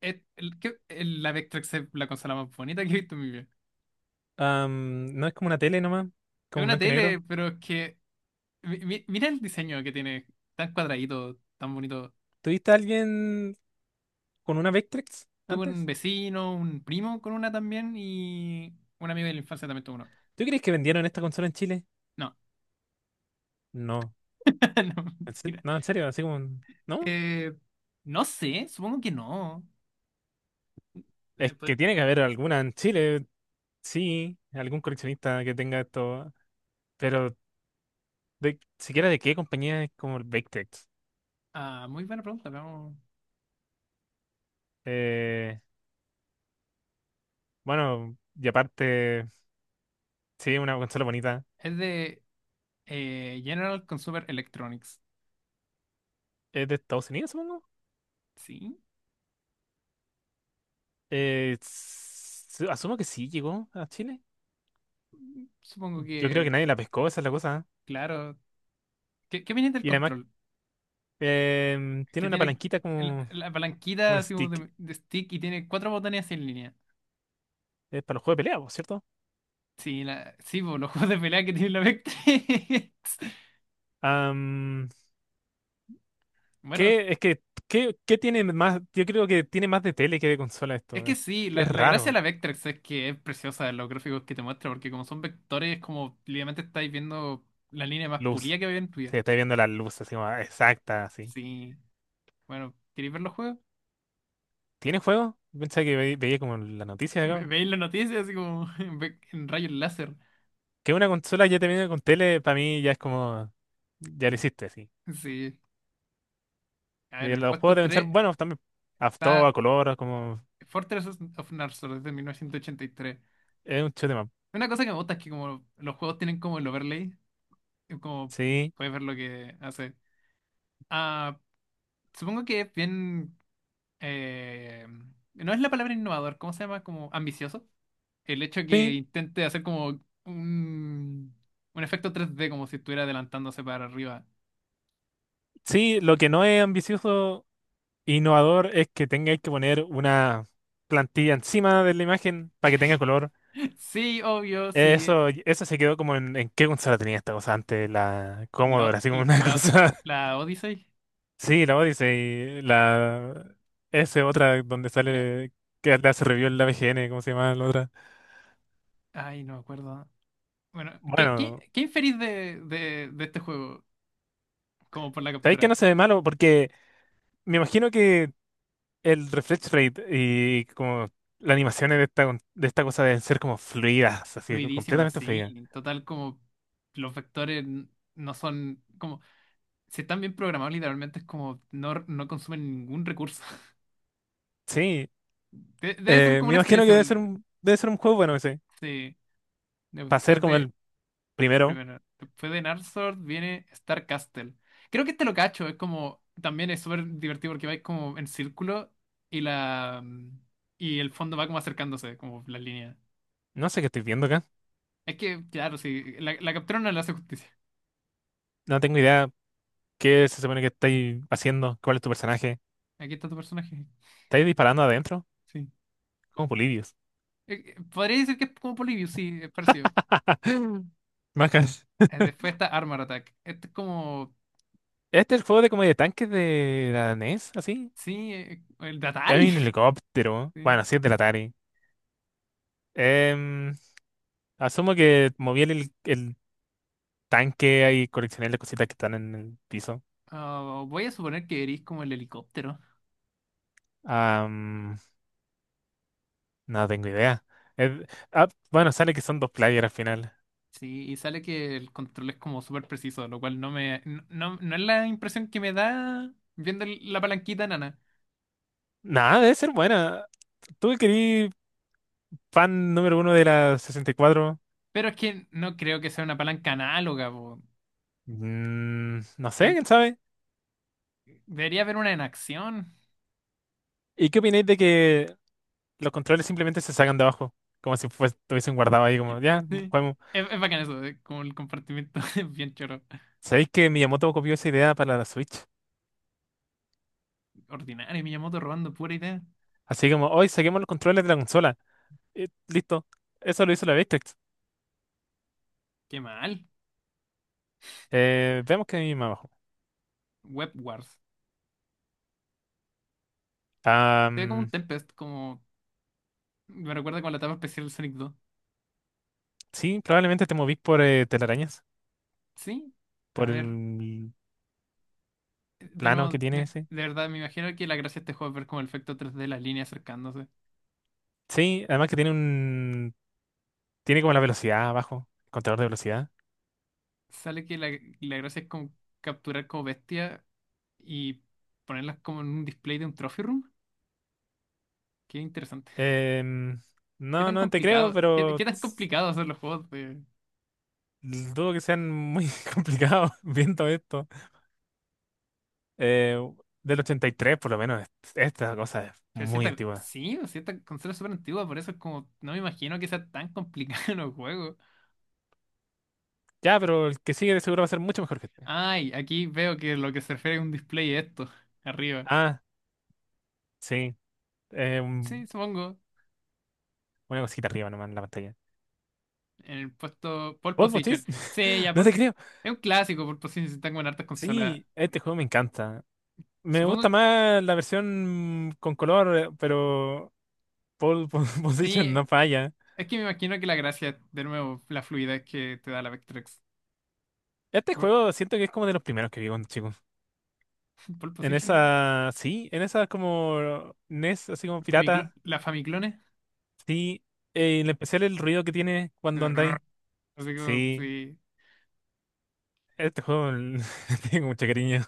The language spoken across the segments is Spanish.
Es, el, que- el- la Vectrex es la consola más bonita que he visto en mi vida. No es como una tele nomás, Es como una blanco y negro. tele, pero es que mira el diseño que tiene, tan cuadradito, tan bonito. ¿Tuviste a alguien con una Vectrex Tuve un antes? vecino, un primo con una también y un amigo de la infancia también tuvo uno. ¿Tú crees que vendieron esta consola en Chile? No, No. no, mira. No, en serio, así como... ¿No? Eh, no sé, supongo que no. Eh, Es pues, que tiene que haber alguna en Chile, sí, algún coleccionista que tenga esto, pero de, siquiera de qué compañía es como el Vectrex. ah, muy buena pregunta, vamos. Eh, bueno, y aparte, sí, una consola bonita. Es de General Consumer Electronics. ¿Es de Estados Unidos, supongo? Sí, Asumo que sí llegó a Chile. supongo Yo creo que que, nadie la pescó, esa es la cosa. claro. ¿Qué, qué opinas del Y además control? Que tiene una tiene palanquita como la como palanquita un así como stick. De stick y tiene cuatro botones en línea. Es para los juegos de pelea, po, ¿cierto? Sí, la, sí, po, los juegos de pelea que tiene la Vectrex. Am, Bueno, ¿qué, es que, ¿qué, qué tiene más? Yo creo que tiene más de tele que de consola es esto. que sí, Es la gracia de raro. la Vectrex es que es preciosa los gráficos que te muestra, porque como son vectores, como literalmente estáis viendo la línea más Luz. pulida que había en tu vida. Se está viendo la luz así como ah, exacta, así. Sí, bueno, ¿queréis ver los juegos? ¿Tiene juego? Yo pensaba que veía como la noticia de acá. Veis las noticias así como en rayos láser. Que una consola ya te viene con tele, para mí ya es como. Ya lo hiciste, así. Sí. A ver, en De el los juegos puesto deben ser 3 buenos también. A todo, está a color, como. Fortress of Narsos desde mil novecientos ochenta y tres. Es un shoot 'em up. Una cosa que me gusta es que como los juegos tienen como el overlay, es como Sí. puedes ver lo que hace. Ah, supongo que es bien... eh, no es la palabra innovador, ¿cómo se llama? Como ambicioso. El hecho que Sí. intente hacer como un efecto 3D, como si estuviera adelantándose para arriba. Sí, lo que no es ambicioso e innovador es que tengáis que poner una plantilla encima de la imagen para que tenga color. Sí, obvio, sí. Eso se quedó como en qué consola tenía esta cosa antes, la La, Commodore, así como una la, cosa. la Odyssey. Sí, la Odyssey, la S otra donde Ya. sale que la hace review en la VGN, ¿cómo se llama la otra? Ay, no me acuerdo. Bueno, Bueno, ¿qué inferís de este juego? Como por la sabéis que no captura. se ve malo porque me imagino que el refresh rate y como las animaciones de esta cosa deben ser como fluidas, así Fluidísima, completamente fluidas. sí. Total, como los vectores no son como. Si están bien programados, literalmente es como no, no consumen ningún recurso. Sí, Debe ser como me una imagino que experiencia, pero... debe ser un juego bueno ese. Sí. Para ser Después como de. el primero. Primero, después de Narsort viene Star Castle. Creo que este lo cacho. Es como. También es súper divertido porque vais como en círculo y la. Y el fondo va como acercándose, como las líneas. No sé qué estoy viendo acá. Es que, claro, sí. La captura no le hace justicia. No tengo idea qué se supone que estáis haciendo, cuál es tu personaje. Aquí está tu personaje. ¿Estáis disparando adentro? Sí. Como Polibios. Podría decir que es como Polybius, sí, es parecido. Macas. Después está Armor Attack. Este es como. Este es el juego de como de tanques de la NES, así. Sí, el de Hay Atari. un helicóptero. Sí. Bueno, así es del Atari. Em, asumo que moví el tanque y coleccioné las cositas que están en el piso. Ah, voy a suponer que eres como el helicóptero. No tengo idea. Eh, bueno, sale que son dos players al final. Sí, y sale que el control es como súper preciso, lo cual no me. No, no, no es la impresión que me da viendo la palanquita nana. Nada, debe ser buena. ¿Tú que querí fan número uno de la 64? Pero es que no creo que sea una palanca análoga, po. Mm, no sé, Yo- quién sabe. debería haber una en acción. ¿Y qué opináis de que los controles simplemente se sacan de abajo? Como si estuviesen guardados ahí, como, ya, Sí. juguemos. Es bacán eso, como el compartimiento es bien choro. ¿Sabéis que Miyamoto copió esa idea para la Switch? Ordinario, Miyamoto robando pura idea. Así como, hoy saquemos los controles de la consola. Listo. Eso lo hizo la Victrix. Qué mal. Veamos qué hay más abajo. Web Wars. Ah, Se ve como un mm, Tempest, como. Me recuerda con la etapa especial del Sonic 2. sí, probablemente te movís por telarañas. Sí. A Por el ver, de plano nuevo, que tiene ese. de verdad, me imagino que la gracia de este juego es ver como el efecto tres d de las líneas acercándose. Sí, además que tiene un... Tiene como la velocidad abajo, el contador de velocidad. Sale que la gracia es como capturar como bestia y ponerlas como en un display de un trophy room. Qué interesante. Em, Qué no, tan no te creo, complicado, pero qué tan complicado hacer los juegos de. dudo que sean muy complicados viendo esto. Eh, del 83 por lo menos, esta cosa es Pero si muy antigua. sí, o sea, consola es súper antigua, por eso es como, no me imagino que sea tan complicado los juegos. Ya, pero el que sigue de seguro va a ser mucho mejor que este. Ay, aquí veo que lo que se refiere a un display es esto, arriba. Ah, sí. eh, un- Sí, supongo, una cosita arriba nomás en la pantalla. en el puesto pole ¿Vos, position. Bochis? Sí, ya, No te creo. es un clásico pole position, si están con hartas consolas. Sí, este juego me encanta. Me Supongo gusta que más la versión con color, pero Position sí, no falla. es que me imagino que la gracia, de nuevo, la fluidez que te da la Vectrex. Este Por- juego siento que es como de los primeros que vi cuando chico. Pole En position, esa, sí, en esa como NES, así como pirata. la Famiclone. Sí, en especial el ruido que tiene cuando andáis. Así como, Sí, sí, este juego le tengo mucho cariño.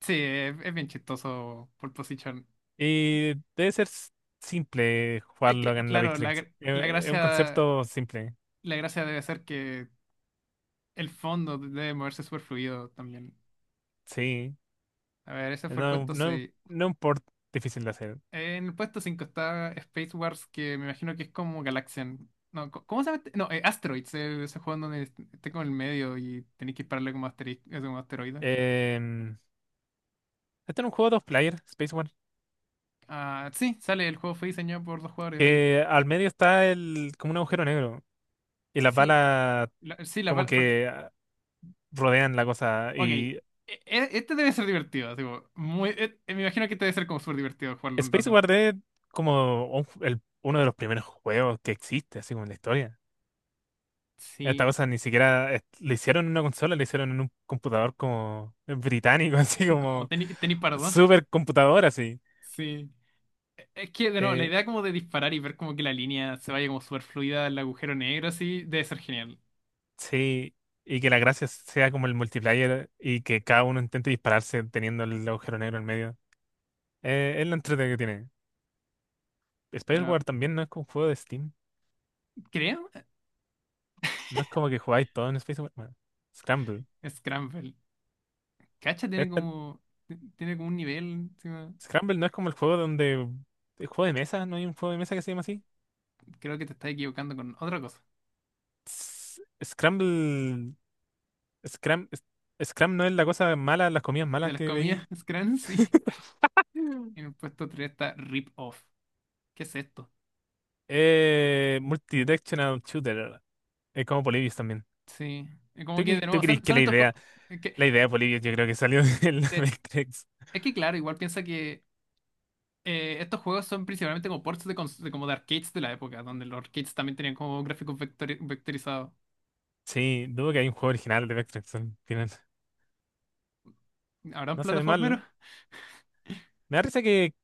sí, es bien chistoso pole position. Y debe ser simple Es jugarlo que, acá en la claro, Victrix. Es un concepto simple, la gracia debe ser que el fondo debe moverse súper fluido también. sí. A ver, ese fue el No, no, puesto seis. no es un port difícil de hacer. En el puesto 5 está Space Wars, que me imagino que es como Galaxian. No, ¿cómo se llama este? No, Asteroids, ese juego en donde esté como en el medio y tenéis que dispararle como, como asteroide. Em, Este era un juego dos player, Space One. Ah, sí, sale, el juego fue diseñado por dos jugadores ahí. Que al medio está el, como un agujero negro. Y las Sí, balas sí, la como bala. Que ah, rodean la cosa. Ok, Y este debe ser divertido, así como muy, me imagino que este debe ser como súper divertido jugarlo un Space rato. War es como un uno de los primeros juegos que existe, así como en la historia. Esta Sí, cosa ni siquiera le hicieron en una consola, le hicieron en un computador como británico, así como como tenis, tenis pardo. super computador, así. Sí. Es que, de nuevo, la Eh, idea como de disparar y ver como que la línea se vaya como súper fluida al agujero negro, así, debe ser genial. sí. Y que la gracia sea como el multiplayer y que cada uno intente dispararse teniendo el agujero negro en medio. Es lo entretenido que tiene. Bueno, Spaceward también no es como un juego de Steam. creo, No es como que jugáis todo en Spaceward. Bueno, Scramble. Scramble. Cacha Este- tiene como un nivel, encima. Scramble no es como el juego donde. El juego de mesa, ¿no hay un juego de mesa que se llama así? Creo que te estás equivocando con otra cosa. Scramble. Scram. Scram no es la cosa mala, las comidas De malas las que veí. comidas, Scran, sí. Mm. En el puesto 3 está Rip Off. ¿Qué es esto? Multidirectional Shooter. Es como Polybius también. Sí. Es como que, de ¿tú nuevo, crees que son estos juegos... Es que, la idea de Polybius yo creo que salió de la eh, Vectrex? es que, claro, igual piensa que estos juegos son principalmente como ports de como de arcades de la época, donde los arcades también tenían como gráficos vectorizados. Sí, dudo que hay un juego original de Vectrex al final. ¿Habrán No se ve mal. plataformeros? ¿No? Me da risa que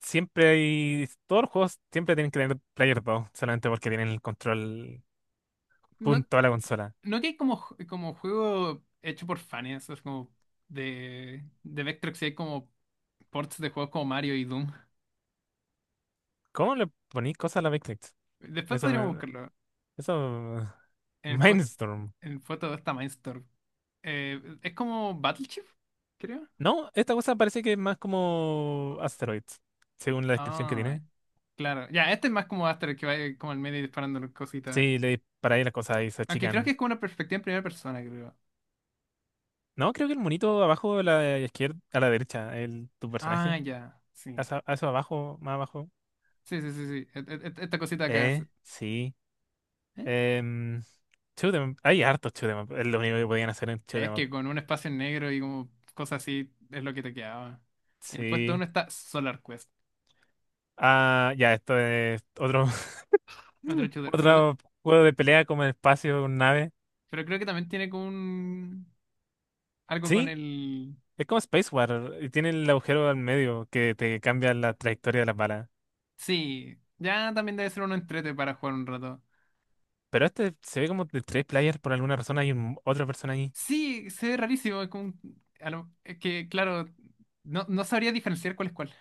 siempre hay. Todos los juegos siempre tienen que tener Player 2, solamente porque tienen el control No, punto a la consola. no que hay como, como juego hecho por fans, es como de Vectrex y hay como ports de juegos como Mario y Doom. ¿Cómo le ponéis cosas a la Beyblade? Después Eso podríamos me. buscarlo. Eso. En el puesto, Mindstorm. en el puesto está Mindstorm. Es como Battleship, creo. No, esta cosa parece que es más como Asteroids, según la descripción que Ah, tiene. claro. Ya, este es más como Aster que va como al medio y disparando cositas. Sí, le disparáis las cosas y se Aunque creo que achican. es como una perspectiva en primera persona, creo. No, creo que el monito abajo a la izquierda, a la derecha, el, tu Ah, personaje. ya. Sí. A eso abajo, más abajo. Sí, sí, sí, sí. Esta cosita acá, sí. Sí. Eh, Em, shoot 'em up. Hay hartos shoot 'em up. Es lo único que podían hacer en shoot Es 'em up. que con un espacio en negro y como cosas así es lo que te quedaba. Y el puesto uno Sí. está Solar Quest, Ah, ya, esto es otro, otro shooter. Pero, otro juego de pelea como el espacio con nave. pero creo que también tiene como un... algo con Sí, el... es como Space War. Y tiene el agujero al medio que te cambia la trayectoria de las balas. Sí, ya también debe ser uno entrete para jugar un rato. Pero este se ve como de tres players por alguna razón. Hay otra persona ahí. Sí, se ve rarísimo. Es, como un- a lo- es que, claro, no, no sabría diferenciar cuál es cuál.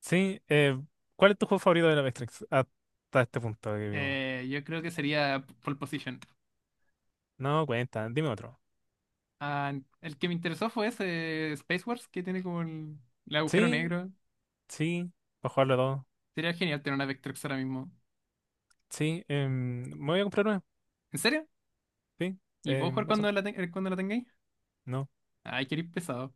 Sí, ¿cuál es tu juego favorito de la Matrix hasta este punto que vimos? Yo creo que sería Pole Position. No, cuenta, dime otro. Ah, el que me interesó fue ese Space Wars que tiene como el agujero Sí, negro. sí, para jugar los dos. Sería genial tener una Vectrex ahora mismo. Sí, em, me voy a comprar uno. ¿En serio? Sí, ¿Y puedo jugar eso. cuando cuando la tengáis? No. Ay, queréis pesado.